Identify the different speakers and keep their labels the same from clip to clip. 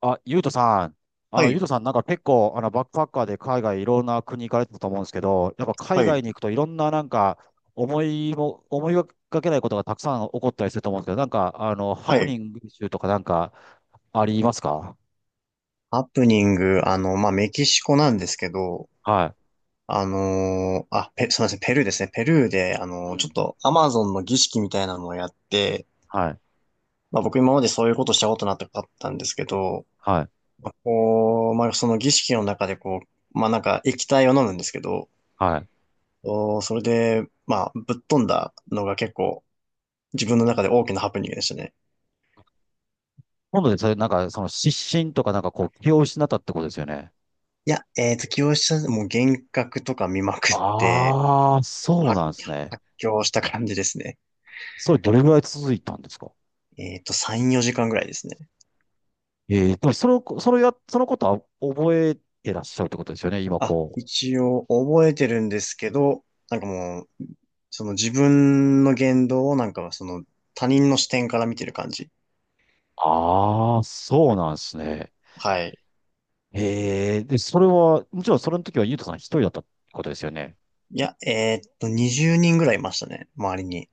Speaker 1: あ、ゆうとさん。
Speaker 2: は
Speaker 1: ゆう
Speaker 2: い、
Speaker 1: とさん、結構、バックパッカーで海外いろんな国行かれてたと思うんですけど、やっぱ海
Speaker 2: は
Speaker 1: 外
Speaker 2: い、
Speaker 1: に行くといろんな思いがけないことがたくさん起こったりすると思うんですけど、ハ
Speaker 2: は
Speaker 1: プ
Speaker 2: い。
Speaker 1: ニング集とかありますか？
Speaker 2: ハプニング、まあ、メキシコなんですけど、
Speaker 1: は
Speaker 2: すみません、ペルーですね。ペルーで、
Speaker 1: い。う
Speaker 2: ちょっ
Speaker 1: ん。
Speaker 2: とアマゾンの儀式みたいなのをやって、
Speaker 1: はい。
Speaker 2: まあ、僕今までそういうことしたことなかったんですけど、
Speaker 1: はい。
Speaker 2: その儀式の中でなんか液体を飲むんですけど、
Speaker 1: はい。
Speaker 2: おーそれで、まあ、ぶっ飛んだのが結構自分の中で大きなハプニングでしたね。
Speaker 1: 今度でそれ、その失神とか気を失ったってことですよね。
Speaker 2: いや、起用した、もう幻覚とか見まくって、
Speaker 1: ああ、そう
Speaker 2: 発、
Speaker 1: なんですね。
Speaker 2: 発狂した感じですね。
Speaker 1: それどれぐらい続いたんですか？
Speaker 2: 3、4時間ぐらいですね。
Speaker 1: ええ、でもその、そのや、そのことは覚えてらっしゃるってことですよね、今
Speaker 2: あ、
Speaker 1: こう。
Speaker 2: 一応覚えてるんですけど、なんかもう、その自分の言動をなんかその他人の視点から見てる感じ。
Speaker 1: ああ、そうなんですね。
Speaker 2: はい。
Speaker 1: ええ、で、それは、もちろんそれの時はゆうとさん一人だったってことですよね。
Speaker 2: いや、20人ぐらいいましたね、周りに。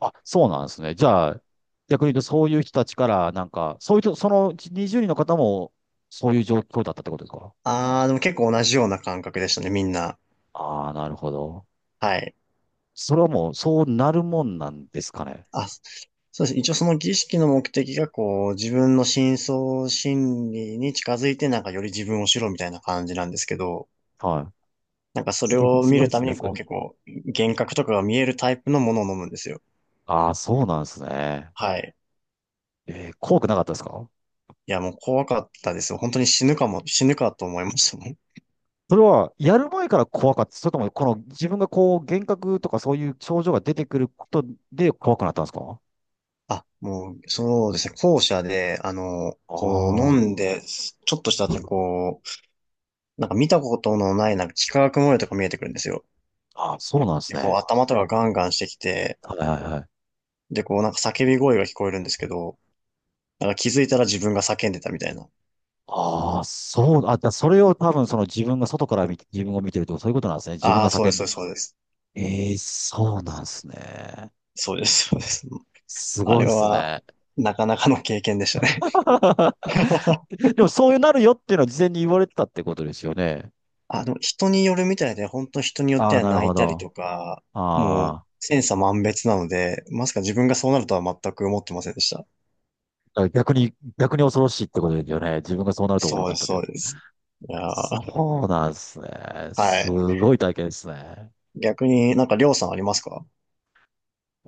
Speaker 1: あ、そうなんですね。じゃあ、逆に言うとそういう人たちから、なんか、そういう人、その20人の方も、そういう状況だったってことですか？
Speaker 2: あー、でも結構同じような感覚でしたね、みんな。
Speaker 1: ああー、なるほど。
Speaker 2: はい。
Speaker 1: それはもう、そうなるもんなんですかね。
Speaker 2: あ、そうです。一応その儀式の目的がこう、自分の深層心理に近づいてなんかより自分を知ろうみたいな感じなんですけど、
Speaker 1: はい。
Speaker 2: なんかそれを
Speaker 1: す
Speaker 2: 見
Speaker 1: ごい
Speaker 2: る
Speaker 1: で
Speaker 2: た
Speaker 1: す
Speaker 2: め
Speaker 1: ね、
Speaker 2: に
Speaker 1: そ
Speaker 2: こう
Speaker 1: れ。
Speaker 2: 結構幻覚とかが見えるタイプのものを飲むんですよ。
Speaker 1: ああ、そうなんですね。
Speaker 2: はい。
Speaker 1: えー、怖くなかったですか？
Speaker 2: いやもう怖かったですよ。本当に死ぬかも、死ぬかと思いましたもん。
Speaker 1: それは、やる前から怖かった。それとも、この自分がこう、幻覚とかそういう症状が出てくることで怖くなったんですか？
Speaker 2: あ、もうそうですね。校舎で、あの、こう飲
Speaker 1: あ
Speaker 2: んで、ちょっとした後こう、なんか見たことのないなんか幾何学模様とか見えてくるんですよ。
Speaker 1: あ、そうなんです
Speaker 2: で、こう
Speaker 1: ね。
Speaker 2: 頭とかガンガンしてきて、
Speaker 1: はいはいはい。
Speaker 2: で、こうなんか叫び声が聞こえるんですけど、なんか気づいたら自分が叫んでたみたいな。
Speaker 1: ああ、それを多分その自分が外から見て、自分を見てるとかそういうことなんですね。自分
Speaker 2: あ
Speaker 1: が
Speaker 2: あ、そう
Speaker 1: 叫
Speaker 2: で
Speaker 1: んで。
Speaker 2: す、そうです、
Speaker 1: ええ、そうなんですね。
Speaker 2: そうです。そうです、そうです。
Speaker 1: す
Speaker 2: あ
Speaker 1: ごい
Speaker 2: れ
Speaker 1: です
Speaker 2: は、
Speaker 1: ね。
Speaker 2: なかなかの経験でしたね。
Speaker 1: でもそういうなるよっていうのは事前に言われてたってことですよね。
Speaker 2: あの、人によるみたいで、本当人によっ
Speaker 1: あ
Speaker 2: て
Speaker 1: あ、
Speaker 2: は
Speaker 1: なる
Speaker 2: 泣
Speaker 1: ほ
Speaker 2: いたり
Speaker 1: ど。
Speaker 2: とか、もう、
Speaker 1: ああ、
Speaker 2: 千差万別なので、まさか自分がそうなるとは全く思ってませんでした。
Speaker 1: だから逆に、逆に恐ろしいってことですよね。自分がそうなると思わな
Speaker 2: そう
Speaker 1: か
Speaker 2: です、
Speaker 1: ったっ
Speaker 2: そ
Speaker 1: て。
Speaker 2: うです。いやー、
Speaker 1: そうなんですね。
Speaker 2: は
Speaker 1: す
Speaker 2: い。
Speaker 1: ごい体験ですね。
Speaker 2: 逆になんか、りょうさんありますか？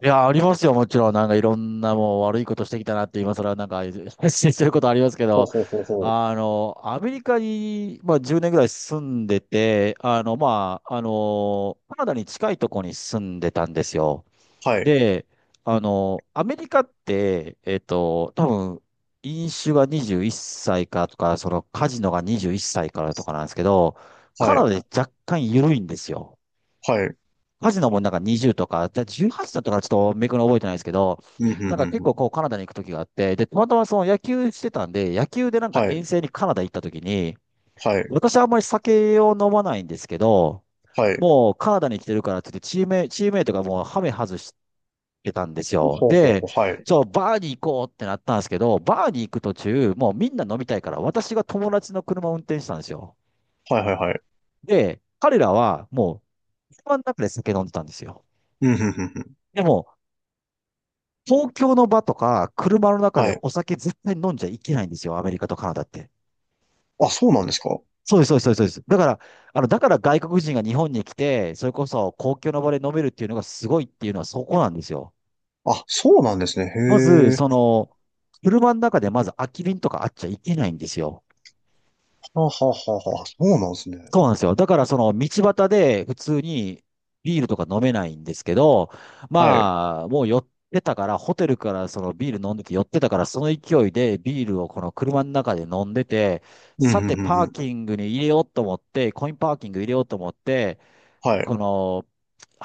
Speaker 1: いや、ありますよ、もちろん。なんかいろんなもう悪いことしてきたなって、今更なんか 発信してることありますけ
Speaker 2: ほう
Speaker 1: ど、
Speaker 2: ほうほうほう。
Speaker 1: アメリカに、まあ、10年ぐらい住んでて、カナダに近いとこに住んでたんですよ。
Speaker 2: はい、
Speaker 1: で、アメリカって、多分、飲酒が21歳からとか、そのカジノが21歳からとかなんですけど、
Speaker 2: は
Speaker 1: カナ
Speaker 2: い、
Speaker 1: ダで若干緩いんですよ。
Speaker 2: はい。
Speaker 1: カジノもなんか20とか、で18だったからちょっとめくの覚えてないですけど、
Speaker 2: うん、ふん
Speaker 1: なん
Speaker 2: ふ
Speaker 1: か
Speaker 2: ん
Speaker 1: 結
Speaker 2: ふん。
Speaker 1: 構こうカナダに行く時があって、で、たまたまその野球してたんで、野球でなんか
Speaker 2: はい、
Speaker 1: 遠征にカナダ行った時に、
Speaker 2: はい、
Speaker 1: 私はあんまり酒を飲まないんですけど、
Speaker 2: はい。
Speaker 1: もうカナダに来てるからって言ってチームメイトがもうハメ外しけたんです
Speaker 2: ほう
Speaker 1: よ。
Speaker 2: ほうほ
Speaker 1: で、
Speaker 2: う。はい、
Speaker 1: そう、バーに行こうってなったんですけど、バーに行く途中、もうみんな飲みたいから、私が友達の車を運転したんですよ。
Speaker 2: はい、はい、はい。
Speaker 1: で、彼らはもう、車の中で酒飲んでたんですよ。
Speaker 2: うん、ふんふんふん。
Speaker 1: でも、東京の場とか、車の中で
Speaker 2: はい。
Speaker 1: お酒絶対飲んじゃいけないんですよ、アメリカとカナダって。
Speaker 2: あ、そうなんですか？
Speaker 1: そうです、そうです、そうです。そうです、だから、だから外国人が日本に来て、それこそ公共の場で飲めるっていうのがすごいっていうのはそこなんですよ。
Speaker 2: あ、そうなんですね。へ
Speaker 1: まず、
Speaker 2: え。
Speaker 1: その、車の中でまず空き瓶とかあっちゃいけないんですよ。
Speaker 2: はあはあはあはあ。そうなんですね。
Speaker 1: そうなんですよ。だからその道端で普通にビールとか飲めないんですけど、
Speaker 2: はい。
Speaker 1: まあ、もう寄ってたから、ホテルからそのビール飲んでて寄ってたから、その勢いでビールをこの車の中で飲んでて、
Speaker 2: うん、
Speaker 1: さ
Speaker 2: ふん
Speaker 1: て
Speaker 2: ふんふ
Speaker 1: パー
Speaker 2: ん。
Speaker 1: キングに入れようと思って、コインパーキング入れようと思って、
Speaker 2: はい。
Speaker 1: この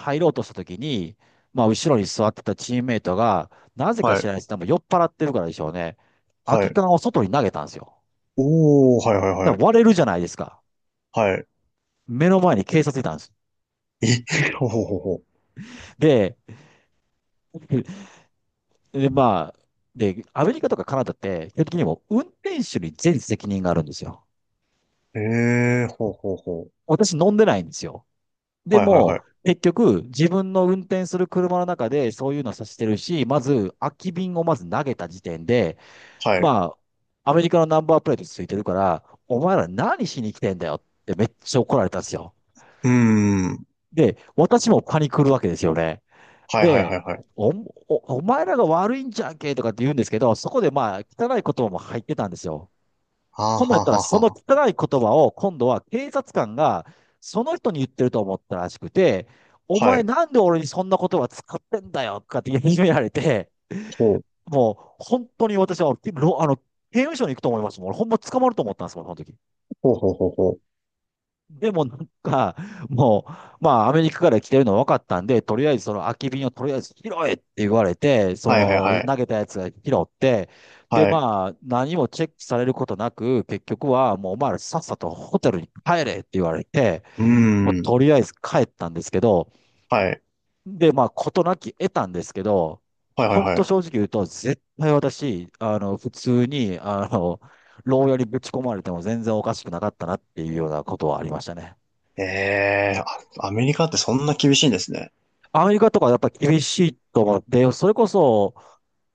Speaker 1: 入ろうとした時に、まあ後ろに座ってたチームメイトが、なぜか
Speaker 2: は
Speaker 1: 知
Speaker 2: い
Speaker 1: らないですけど、多分酔っ払ってるからでしょうね。空
Speaker 2: は
Speaker 1: き
Speaker 2: い。
Speaker 1: 缶を外に投げたんですよ。
Speaker 2: おー、はいは
Speaker 1: だ
Speaker 2: い
Speaker 1: か
Speaker 2: はい。
Speaker 1: ら割れるじゃないですか。
Speaker 2: はい。
Speaker 1: 目の前に警察いたんです。
Speaker 2: え、ほうほうほうほ
Speaker 1: で、で、アメリカとかカナダって、基本的にもう運転手に全責任があるんですよ。
Speaker 2: う。えー、ほうほうほう。
Speaker 1: 私飲んでないんですよ。で
Speaker 2: はいはい
Speaker 1: も、
Speaker 2: はい。
Speaker 1: 結局、自分の運転する車の中でそういうのさせてるし、まず、空き瓶をまず投げた時点で、
Speaker 2: はい。う
Speaker 1: まあ、アメリカのナンバープレートついてるから、お前ら何しに来てんだよってめっちゃ怒られたんですよ。
Speaker 2: ーん。
Speaker 1: で、私もパニクるわけですよね。
Speaker 2: はいはいは
Speaker 1: で、
Speaker 2: いはい。
Speaker 1: お、お前らが悪いんじゃんけとかって言うんですけど、そこでまあ、汚い言葉も入ってたんですよ。
Speaker 2: はあ
Speaker 1: 今度やっ
Speaker 2: はあ
Speaker 1: た
Speaker 2: は
Speaker 1: ら、
Speaker 2: あ
Speaker 1: その
Speaker 2: は
Speaker 1: 汚い言葉を今度は警察官がその人に言ってると思ったらしくて、お
Speaker 2: あ。は
Speaker 1: 前
Speaker 2: い。
Speaker 1: なんで俺にそんな言葉使ってんだよとかって言い始められて、
Speaker 2: ほう、
Speaker 1: も本当に私は、あの、刑務所に行くと思いますもん。俺ほんま捕まると思ったんですもん、その時。
Speaker 2: ほうほうほうほう。
Speaker 1: でもなんか、もう、まあ、アメリカから来てるの分かったんで、とりあえずその空き瓶をとりあえず拾えって言われて、そ
Speaker 2: はいはいは
Speaker 1: の投
Speaker 2: い。
Speaker 1: げたやつが拾って、で、
Speaker 2: はい。
Speaker 1: まあ、何もチェックされることなく、結局はもうお前らさっさとホテルに帰れって言われて、
Speaker 2: うー
Speaker 1: もう
Speaker 2: ん。
Speaker 1: とりあえず帰ったんですけど、
Speaker 2: はい。
Speaker 1: で、まあ、事なき得たんですけど、
Speaker 2: はいはい
Speaker 1: 本
Speaker 2: は
Speaker 1: 当正
Speaker 2: い。
Speaker 1: 直言うと、絶対私、あの、普通に、あの、牢屋にぶち込まれても全然おかしくなかったなっていうようなことはありましたね。
Speaker 2: えー、あアメリカってそんな厳しいんですね。
Speaker 1: アメリカとかやっぱ厳しいと思って、それこそ、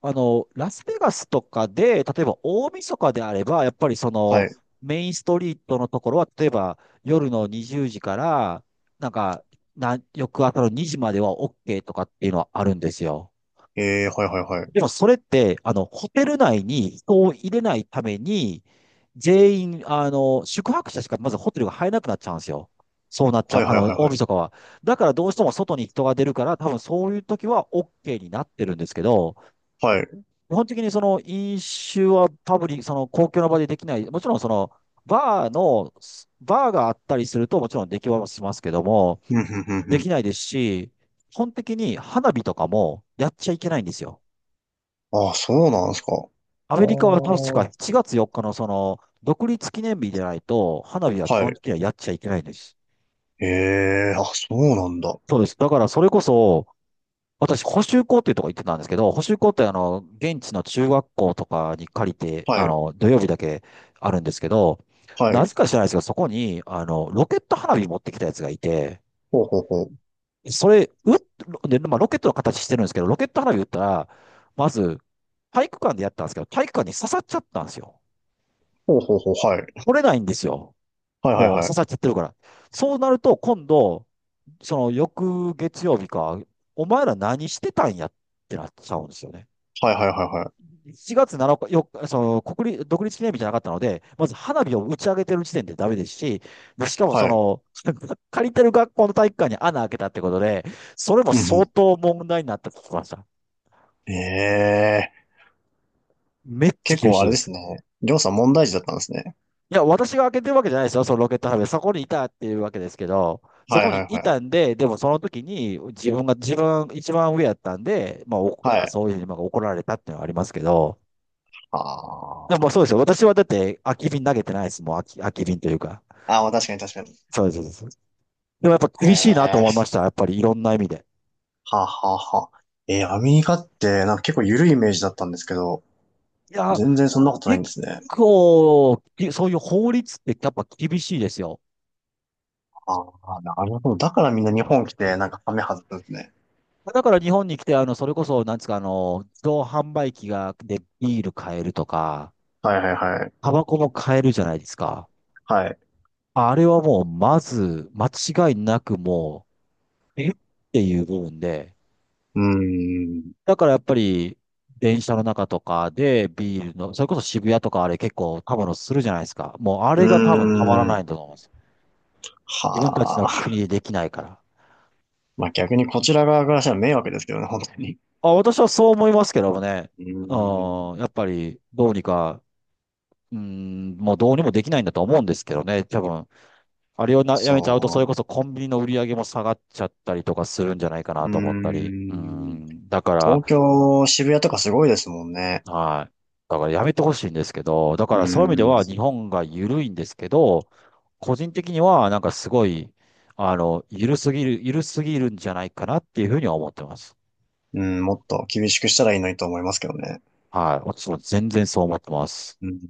Speaker 1: ラスベガスとかで、例えば大晦日であれば、やっぱりそ
Speaker 2: は
Speaker 1: の、
Speaker 2: い。
Speaker 1: メインストリートのところは、例えば夜の20時から、なんか、翌朝の2時までは OK とかっていうのはあるんですよ。
Speaker 2: えー、はいはいはい。
Speaker 1: でもそれって、ホテル内に人を入れないために、全員、あの、宿泊者しかまずホテルが入らなくなっちゃうんですよ。そうなっちゃ
Speaker 2: は
Speaker 1: う。
Speaker 2: い
Speaker 1: あ
Speaker 2: はい
Speaker 1: の、
Speaker 2: はい
Speaker 1: 大
Speaker 2: は
Speaker 1: 晦
Speaker 2: い。
Speaker 1: 日は。だからどうしても外に人が出るから、多分そういう時は OK になってるんですけど、
Speaker 2: はい。
Speaker 1: 基本的にその飲酒は多分その公共の場でできない。もちろんその、バーの、バーがあったりするともちろんできはしますけども、
Speaker 2: うん、ふんふんふ
Speaker 1: でき
Speaker 2: ん。
Speaker 1: ないですし、基本的に花火とかもやっちゃいけないんですよ。
Speaker 2: ああ、そうなんですか。
Speaker 1: ア
Speaker 2: あ
Speaker 1: メ
Speaker 2: あ、
Speaker 1: リカは確か
Speaker 2: は
Speaker 1: 7月4日のその、独立記念日でないと、花火は基
Speaker 2: い。
Speaker 1: 本的にはやっちゃいけないんです。
Speaker 2: ええ、あ、そうなんだ。
Speaker 1: そうです。だからそれこそ、私、補習校っていうとこ行ってたんですけど、補習校ってあの、現地の中学校とかに借りて、
Speaker 2: は
Speaker 1: あ
Speaker 2: い。
Speaker 1: の、土曜日だけあるんですけど、
Speaker 2: は
Speaker 1: な
Speaker 2: い。
Speaker 1: ぜか知らないですけど、そこに、ロケット花火持ってきたやつがいて、
Speaker 2: ほうほうほう。
Speaker 1: それ、うっ、で、まあ、ロケットの形してるんですけど、ロケット花火打ったら、まず、体育館でやったんですけど、体育館に刺さっちゃったんですよ。
Speaker 2: ほうほうほう。はい。
Speaker 1: 折れないんですよ。
Speaker 2: はいはい
Speaker 1: もう
Speaker 2: は
Speaker 1: 刺
Speaker 2: い。
Speaker 1: さっちゃってるから。そうなると、今度、その翌月曜日か、お前ら何してたんやってなっちゃうんですよね。
Speaker 2: はいはいはいは
Speaker 1: 4月7日、その国立、独立記念日じゃなかったので、まず花火を打ち上げてる時点でダメですし、でしかも
Speaker 2: い。
Speaker 1: そ
Speaker 2: はい。
Speaker 1: の、借りてる学校の体育館に穴開けたってことで、それも
Speaker 2: うんう
Speaker 1: 相
Speaker 2: ん。
Speaker 1: 当問題になったと聞きました。
Speaker 2: ええー。
Speaker 1: めっちゃ
Speaker 2: 結
Speaker 1: 厳し
Speaker 2: 構
Speaker 1: い
Speaker 2: あれ
Speaker 1: で
Speaker 2: です
Speaker 1: す。
Speaker 2: ね。りょうさん問題児だったんですね。
Speaker 1: いや、私が開けてるわけじゃないですよ、そのロケット花火。そこにいたっていうわけですけど、そ
Speaker 2: は
Speaker 1: こ
Speaker 2: いは
Speaker 1: に
Speaker 2: い
Speaker 1: い
Speaker 2: は
Speaker 1: た
Speaker 2: い。
Speaker 1: んで、でもその時に自分一番上やったんで、まあ、なん
Speaker 2: は
Speaker 1: か
Speaker 2: い。
Speaker 1: そういうふうにまあ怒られたっていうのはありますけど、
Speaker 2: あ
Speaker 1: で
Speaker 2: ー、
Speaker 1: もそうですよ。私はだって空き瓶投げてないですもん。空き瓶というか。
Speaker 2: あー、まあ確かに確かに。
Speaker 1: そうです、そうです。でもやっぱ
Speaker 2: へ
Speaker 1: 厳しいなと思いま
Speaker 2: え。
Speaker 1: した。やっぱりいろんな意味で。
Speaker 2: はあはあはあ。えー、アメリカってなんか結構緩いイメージだったんですけど、
Speaker 1: いや、
Speaker 2: 全然そんなことない
Speaker 1: 結
Speaker 2: んですね。
Speaker 1: 構、いそういう法律ってやっぱ厳しいですよ。
Speaker 2: ああ、なるほど。だからみんな日本来てなんかハメ外すんですね。
Speaker 1: だから日本に来て、あの、それこそ、なんですか、あの、自動販売機が、で、ビール買えるとか、
Speaker 2: はいはいはい。
Speaker 1: タバコも買えるじゃないですか。
Speaker 2: はい。
Speaker 1: あれはもう、まず、間違いなくもう、えっていう部分で。
Speaker 2: うーん。
Speaker 1: だからやっぱり、電車の中とかでビールの、それこそ渋谷とかあれ結構たまのするじゃないですか。もうあれ
Speaker 2: う
Speaker 1: が多分たまら
Speaker 2: ー
Speaker 1: な
Speaker 2: ん。
Speaker 1: いんだと思います。
Speaker 2: は
Speaker 1: 自分たちの
Speaker 2: あ。
Speaker 1: 国でできないから。
Speaker 2: まあ逆にこちら側からしたら迷惑ですけどね、本当に。
Speaker 1: あ、私はそう思いますけどもね。
Speaker 2: うー
Speaker 1: うん、や
Speaker 2: ん、
Speaker 1: っぱり、どうにか、うん、もうどうにもできないんだと思うんですけどね。多分、あれをな、や
Speaker 2: そ
Speaker 1: めちゃうと、それこそコンビニの売り上げも下がっちゃったりとかするんじゃないか
Speaker 2: う、
Speaker 1: な
Speaker 2: う
Speaker 1: と思った
Speaker 2: ー
Speaker 1: り。う
Speaker 2: ん、
Speaker 1: ん。だか
Speaker 2: 東京、渋谷とかすごいですもんね。
Speaker 1: ら、はい。だからやめてほしいんですけど、だか
Speaker 2: うー
Speaker 1: らそういう意味では
Speaker 2: ん、
Speaker 1: 日本が緩いんですけど、個人的にはなんかすごい、緩すぎるんじゃないかなっていうふうには思ってます。
Speaker 2: うん、もっと厳しくしたらいいのにと思いますけどね。
Speaker 1: はい。私も全然そう思ってます。
Speaker 2: うん